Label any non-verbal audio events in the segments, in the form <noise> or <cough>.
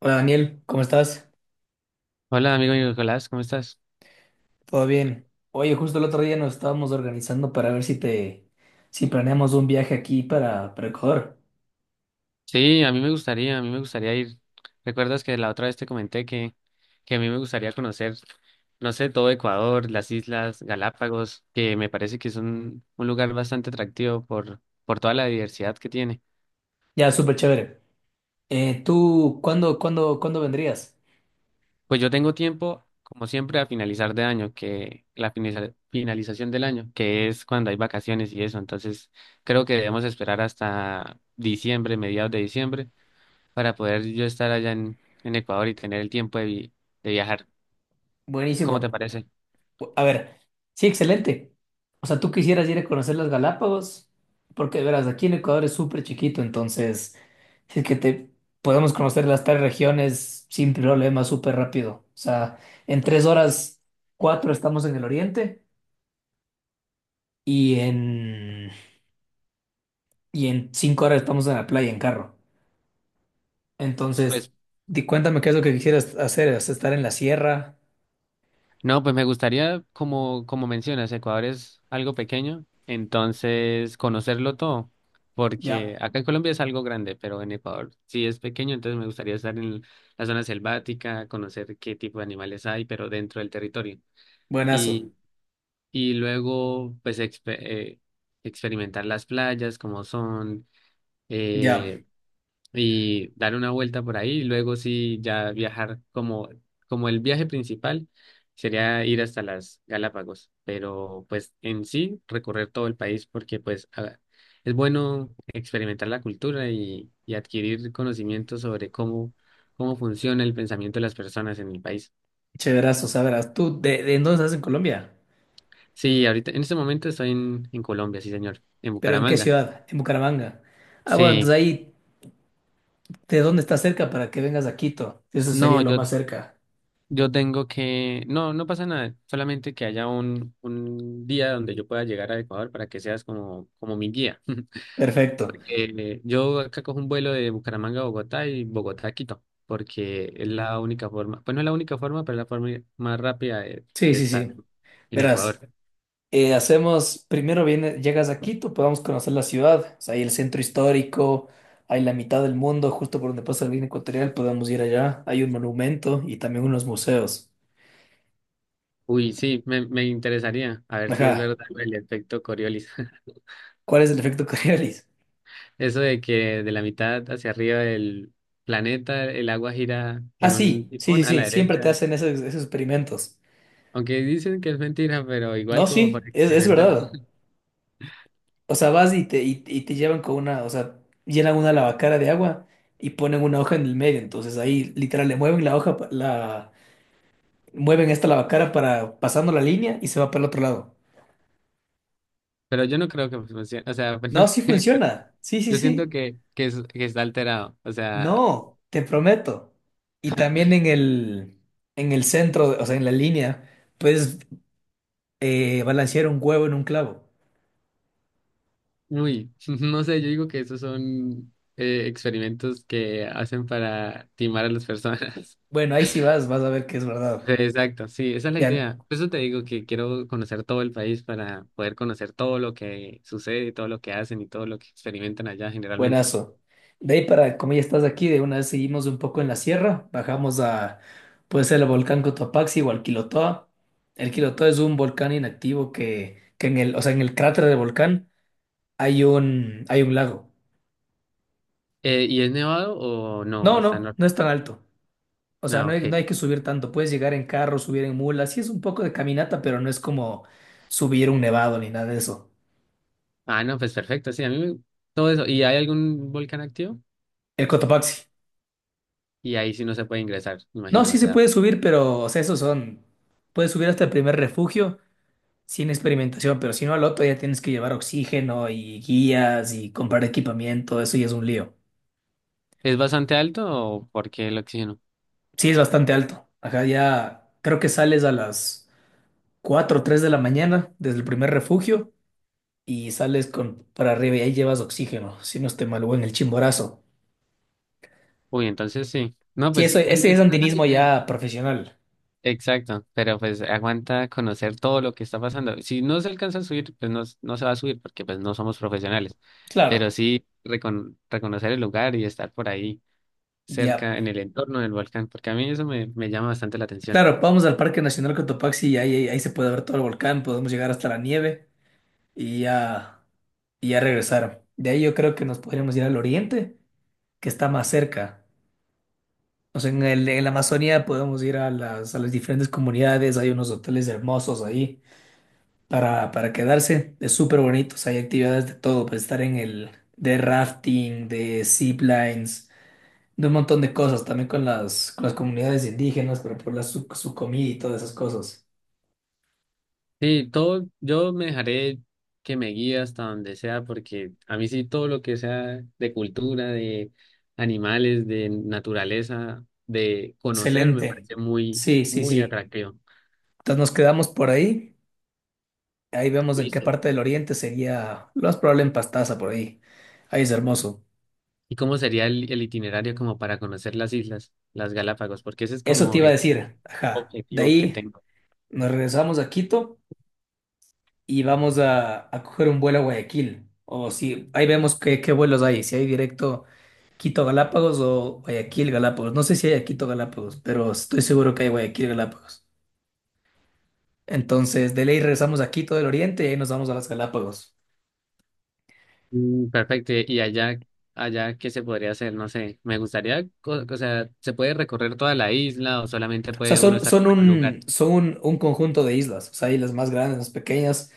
Hola Daniel, ¿cómo estás? Hola, amigo Nicolás, ¿cómo estás? ¿Todo bien? Oye, justo el otro día nos estábamos organizando para ver si planeamos un viaje aquí para Ecuador. Sí, a mí me gustaría, ir. ¿Recuerdas que la otra vez te comenté que a mí me gustaría conocer, no sé, todo Ecuador, las islas Galápagos, que me parece que es un lugar bastante atractivo por toda la diversidad que tiene? Ya, súper chévere. ¿Tú cuándo vendrías? Pues yo tengo tiempo, como siempre, a finalizar de año, que la finalización del año, que es cuando hay vacaciones y eso. Entonces, creo que debemos esperar hasta diciembre, mediados de diciembre para poder yo estar en Ecuador y tener el tiempo de viajar. ¿Cómo te Buenísimo. parece? A ver, sí, excelente. O sea, tú quisieras ir a conocer las Galápagos, porque verás, aquí en Ecuador es súper chiquito, entonces, si es que te podemos conocer las tres regiones sin problema, súper rápido. O sea, en 3 horas, cuatro estamos en el oriente. y en, y en 5 horas estamos en la playa en carro. Entonces, Pues di, cuéntame qué es lo que quisieras hacer, ¿es estar en la sierra? no, pues me gustaría, como, como mencionas, Ecuador es algo pequeño, entonces conocerlo todo, porque Ya, acá en Colombia es algo grande, pero en Ecuador sí es pequeño, entonces me gustaría estar en la zona selvática, conocer qué tipo de animales hay, pero dentro del territorio. buenazo, Y, y luego, pues, experimentar las playas, como son. ya, eh, y dar una vuelta por ahí y luego sí ya viajar como, como el viaje principal sería ir hasta las Galápagos, pero pues en sí recorrer todo el país porque es bueno experimentar la cultura y adquirir conocimiento sobre cómo, cómo funciona el pensamiento de las personas en el país. chéverazo, sabrás. ¿Tú de en dónde estás en Colombia? Sí, ahorita en este momento en Colombia, sí señor, en ¿Pero en qué Bucaramanga. ciudad? En Bucaramanga. Ah, bueno, Sí, entonces ahí, ¿de dónde estás cerca para que vengas a Quito? Eso sería no, lo yo más cerca. Yo tengo que, no, no pasa nada, solamente que haya un día donde yo pueda llegar a Ecuador para que seas como, como mi guía. <laughs> Perfecto. Porque yo acá cojo un vuelo de Bucaramanga a Bogotá y Bogotá a Quito, porque es la única forma, pues no es la única forma, pero es la forma más rápida Sí, de sí, estar sí. en Ecuador. Verás. Hacemos, primero viene, llegas a Quito, podemos conocer la ciudad, o sea, hay el centro histórico, hay la mitad del mundo, justo por donde pasa la línea ecuatorial, podemos ir allá, hay un monumento y también unos museos. Uy, sí, me interesaría, a ver si es Ajá, verdad el efecto Coriolis. <laughs> ¿cuál es el efecto <laughs> Coriolis? Eso de que de la mitad hacia arriba del planeta el agua gira Ah, en un sí, sí, sí, tifón a la sí, siempre te derecha. hacen esos experimentos. Aunque dicen que es mentira, pero igual No, como sí, para es experimentar. verdad. O sea, vas y te llevan con una, o sea, llenan una lavacara de agua y ponen una hoja en el medio, entonces ahí literal le mueven la hoja, la mueven esta lavacara para pasando la línea y se va para el otro lado. Pero yo no creo que funcione. O sea, <laughs> pues no No, sí sé, pero funciona. Sí, sí, yo siento sí. Que está alterado. O sea, No, te prometo. Y también en el centro, o sea, en la línea, puedes balancear un huevo en un clavo. uy, <laughs> no sé, yo digo que esos son experimentos que hacen para timar a las personas. <laughs> Bueno, ahí sí vas a ver que es verdad. Sí, exacto, sí, esa es la Ya, idea. Por eso te digo que quiero conocer todo el país para poder conocer todo lo que sucede, todo lo que hacen y todo lo que experimentan allá generalmente. buenazo. De ahí para, como ya estás aquí, de una vez seguimos un poco en la sierra, bajamos a, puede ser el volcán Cotopaxi o al Quilotoa. El Quilotoa es un volcán inactivo que en el, o sea, en el cráter del volcán hay un lago. ¿Y es nevado o no? ¿O No, está no, no normal? es tan alto. O sea, Ah, no hay, ok. no hay que subir tanto. Puedes llegar en carro, subir en mula. Sí es un poco de caminata, pero no es como subir un nevado ni nada de eso. Ah, no, pues perfecto, sí, todo eso. ¿Y hay algún volcán activo? El Cotopaxi. Y ahí sí no se puede ingresar, me No, imagino, sí o se sea, puede subir, pero, o sea, esos son. Puedes subir hasta el primer refugio sin experimentación, pero si no al otro ya tienes que llevar oxígeno y guías y comprar equipamiento. Eso ya es un lío. ¿es bastante alto o por qué el oxígeno? Sí es bastante alto. Acá ya creo que sales a las 4 o 3 de la mañana desde el primer refugio y sales con para arriba y ahí llevas oxígeno, si no esté mal, o en el Chimborazo. Uy, entonces sí. No, Sí, pues eso, sí, pues, ese es esa es la andinismo idea. ya profesional. Exacto, pero pues aguanta conocer todo lo que está pasando. Si no se alcanza a subir, pues no, no se va a subir porque pues no somos profesionales, Claro, pero sí reconocer el lugar y estar por ahí ya. cerca en el entorno del volcán, porque a mí eso me, me llama bastante la atención. Claro, vamos al Parque Nacional Cotopaxi y ahí se puede ver todo el volcán, podemos llegar hasta la nieve y ya, y ya regresar. De ahí yo creo que nos podríamos ir al oriente, que está más cerca. O sea, en la Amazonía podemos ir a las diferentes comunidades, hay unos hoteles hermosos ahí para quedarse. Es súper bonito. O sea, hay actividades de todo, para estar en el de rafting, de ziplines, de un montón de cosas, también con las comunidades indígenas, pero su comida y todas esas cosas. Sí, todo, yo me dejaré que me guíe hasta donde sea, porque a mí sí todo lo que sea de cultura, de animales, de naturaleza, de conocer, me Excelente. parece muy, Sí, sí, muy sí. atractivo. Entonces nos quedamos por ahí. Ahí vemos en qué Listo. parte del oriente sería lo más probable en Pastaza, por ahí. Ahí es hermoso. ¿Y cómo sería el itinerario como para conocer las islas, las Galápagos? Porque ese es Eso te como iba a el gran decir. Ajá. De objetivo que ahí tengo. nos regresamos a Quito y vamos a coger un vuelo a Guayaquil. O si ahí vemos qué vuelos hay, si hay directo Quito Galápagos o Guayaquil Galápagos. No sé si hay a Quito Galápagos, pero estoy seguro que hay Guayaquil Galápagos. Entonces, de ley regresamos a Quito del Oriente y ahí nos vamos a las Galápagos. Mm, perfecto. ¿Y allá, allá qué se podría hacer? No sé. Me gustaría, o sea, ¿se puede recorrer toda la isla o solamente O sea, puede uno son, estar son como en un lugar? un, son un, un conjunto de islas. O sea, hay las más grandes, las pequeñas,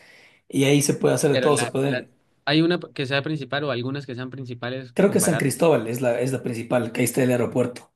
y ahí se puede hacer de Pero todo. Se pueden. hay una que sea principal o algunas que sean principales Creo que San comparadas. Cristóbal es la principal, que ahí está el aeropuerto.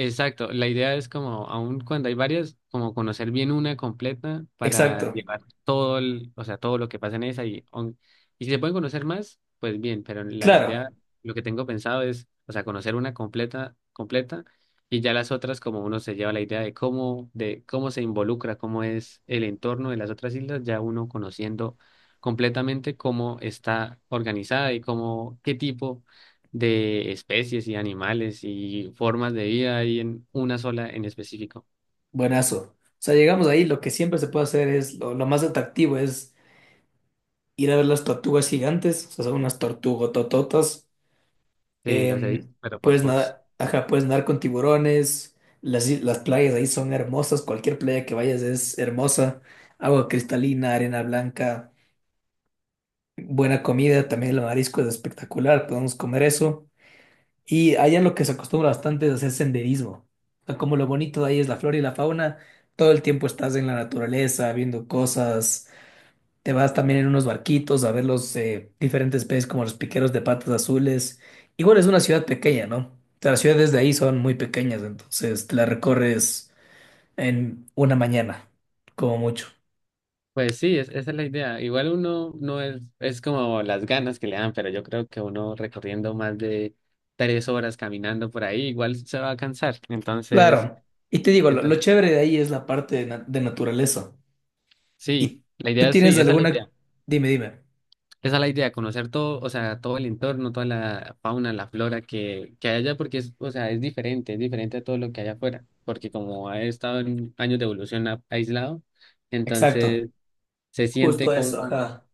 Exacto, la idea es como, aun cuando hay varias, como conocer bien una completa para Exacto. llevar todo el, o sea, todo lo que pasa en esa y si se pueden conocer más, pues bien, pero la Claro. idea, lo que tengo pensado es, o sea, conocer una completa, completa y ya las otras como uno se lleva la idea de cómo se involucra, cómo es el entorno de las otras islas, ya uno conociendo completamente cómo está organizada y cómo, qué tipo de especies y animales y formas de vida ahí en una sola en específico. Buenazo. O sea, llegamos ahí, lo que siempre se puede hacer lo más atractivo es ir a ver las tortugas gigantes, o sea, son unas tortugotototas. Sí, las he Eh, visto, pero por puedes fotos. nadar, ajá, puedes nadar con tiburones, las playas ahí son hermosas, cualquier playa que vayas es hermosa, agua cristalina, arena blanca, buena comida, también el marisco es espectacular, podemos comer eso. Y allá lo que se acostumbra bastante es hacer senderismo. O sea, como lo bonito de ahí es la flora y la fauna, todo el tiempo estás en la naturaleza, viendo cosas. Te vas también en unos barquitos a ver los diferentes peces como los piqueros de patas azules. Igual es una ciudad pequeña, ¿no? O sea, las ciudades de ahí son muy pequeñas, entonces te la recorres en una mañana, como mucho. Pues sí, es, esa es la idea. Igual uno no es, es como las ganas que le dan, pero yo creo que uno recorriendo más de 3 horas caminando por ahí, igual se va a cansar. Entonces, Claro. Y te digo, lo entonces, chévere de ahí es la parte de naturaleza. sí, ¿Y la tú idea es tienes sí, esa es la alguna? idea. Dime, dime. Esa es la idea, conocer todo, o sea, todo el entorno, toda la fauna, la flora que hay allá, porque es, o sea, es diferente a todo lo que hay afuera, porque como ha estado en años de evolución aislado, Exacto. entonces se siente Justo eso, como, ajá.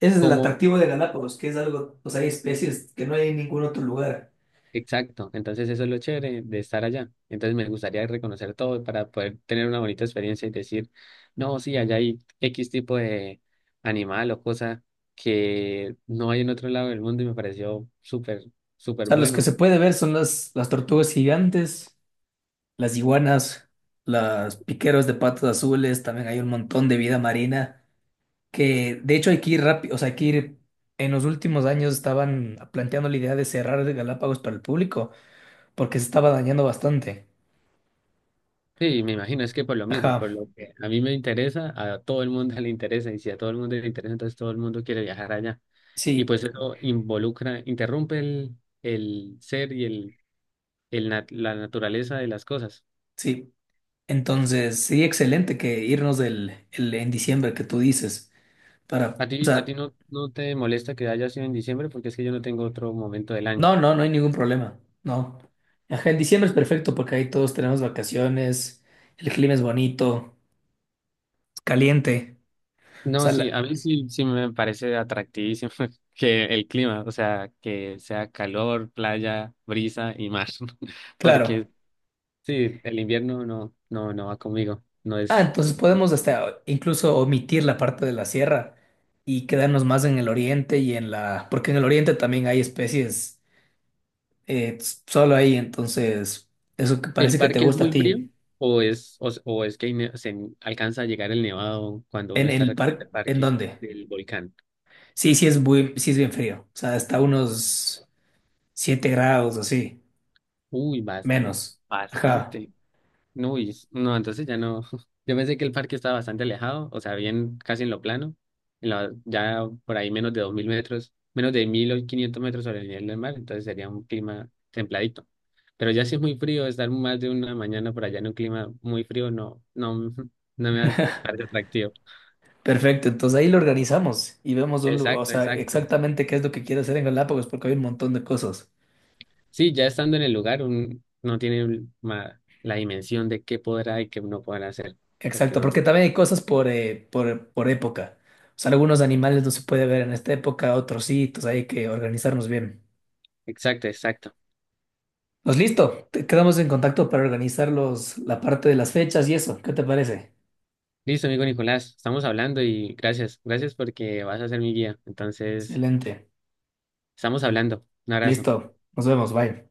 Ese es el como, atractivo de Galápagos, que es algo, pues hay especies que no hay en ningún otro lugar. exacto, entonces eso es lo chévere de estar allá, entonces me gustaría reconocer todo para poder tener una bonita experiencia y decir, no, sí, allá hay X tipo de animal o cosa que no hay en otro lado del mundo y me pareció súper O súper sea, los que se bueno. puede ver son las tortugas gigantes, las iguanas, las piqueros de patas azules, también hay un montón de vida marina, que de hecho hay que ir rápido, o sea, hay que ir, en los últimos años estaban planteando la idea de cerrar el Galápagos para el público, porque se estaba dañando bastante. Sí, me imagino, es que por lo mismo, Ajá, por lo que a mí me interesa, a todo el mundo <laughs> le interesa, y si a todo el mundo le interesa, entonces todo el mundo quiere viajar allá. Y sí, pues eso involucra, interrumpe el ser y la naturaleza de las cosas. sí. Entonces, sí, excelente que irnos en diciembre que tú dices. Para, o A ti sea, no, no te molesta que haya sido en diciembre, porque es que yo no tengo otro momento del año. no, no, no hay ningún problema. No. Ajá, en diciembre es perfecto porque ahí todos tenemos vacaciones, el clima es bonito, es caliente. O No, sea, sí, a mí sí, sí me parece atractivísimo <laughs> que el clima, o sea, que sea calor, playa, brisa y mar, <laughs> claro. porque sí, el invierno no, no, no va conmigo. No Ah, es. entonces podemos hasta incluso omitir la parte de la sierra y quedarnos más en el oriente y porque en el oriente también hay especies solo ahí, entonces eso que ¿El parece que te parque es gusta a muy frío ti. O es que se alcanza a llegar el nevado cuando uno ¿En está el recorriendo el parque? ¿En parque dónde? del volcán? Sí, sí es bien frío. O sea, hasta unos 7 grados así. Uy, bastante, Menos. Ajá. bastante. No, uy, no, entonces ya no. <laughs> Yo pensé que el parque estaba bastante alejado, o sea, bien casi en lo plano, ya por ahí menos de 2.000 metros, menos de 1.500 metros sobre el nivel del mar, entonces sería un clima templadito. Pero ya si es muy frío, estar más de una mañana por allá en un clima muy frío, no, no, <laughs> no me parece atractivo. Perfecto. Entonces ahí lo organizamos y vemos o Exacto, sea, exacto. exactamente qué es lo que quiere hacer en Galápagos, porque hay un montón de cosas. Sí, ya estando en el lugar, un, no tiene la dimensión de qué podrá y qué no podrá hacer, porque Exacto, no. porque también hay cosas por época. O sea, algunos animales no se puede ver en esta época, otros sí, entonces hay que organizarnos bien. Exacto, exacto. Pues listo, quedamos en contacto para organizar la parte de las fechas y eso. ¿Qué te parece? Listo, amigo Nicolás, estamos hablando y gracias, gracias porque vas a ser mi guía. Entonces, Excelente. estamos hablando. Un abrazo. Listo, nos vemos, bye.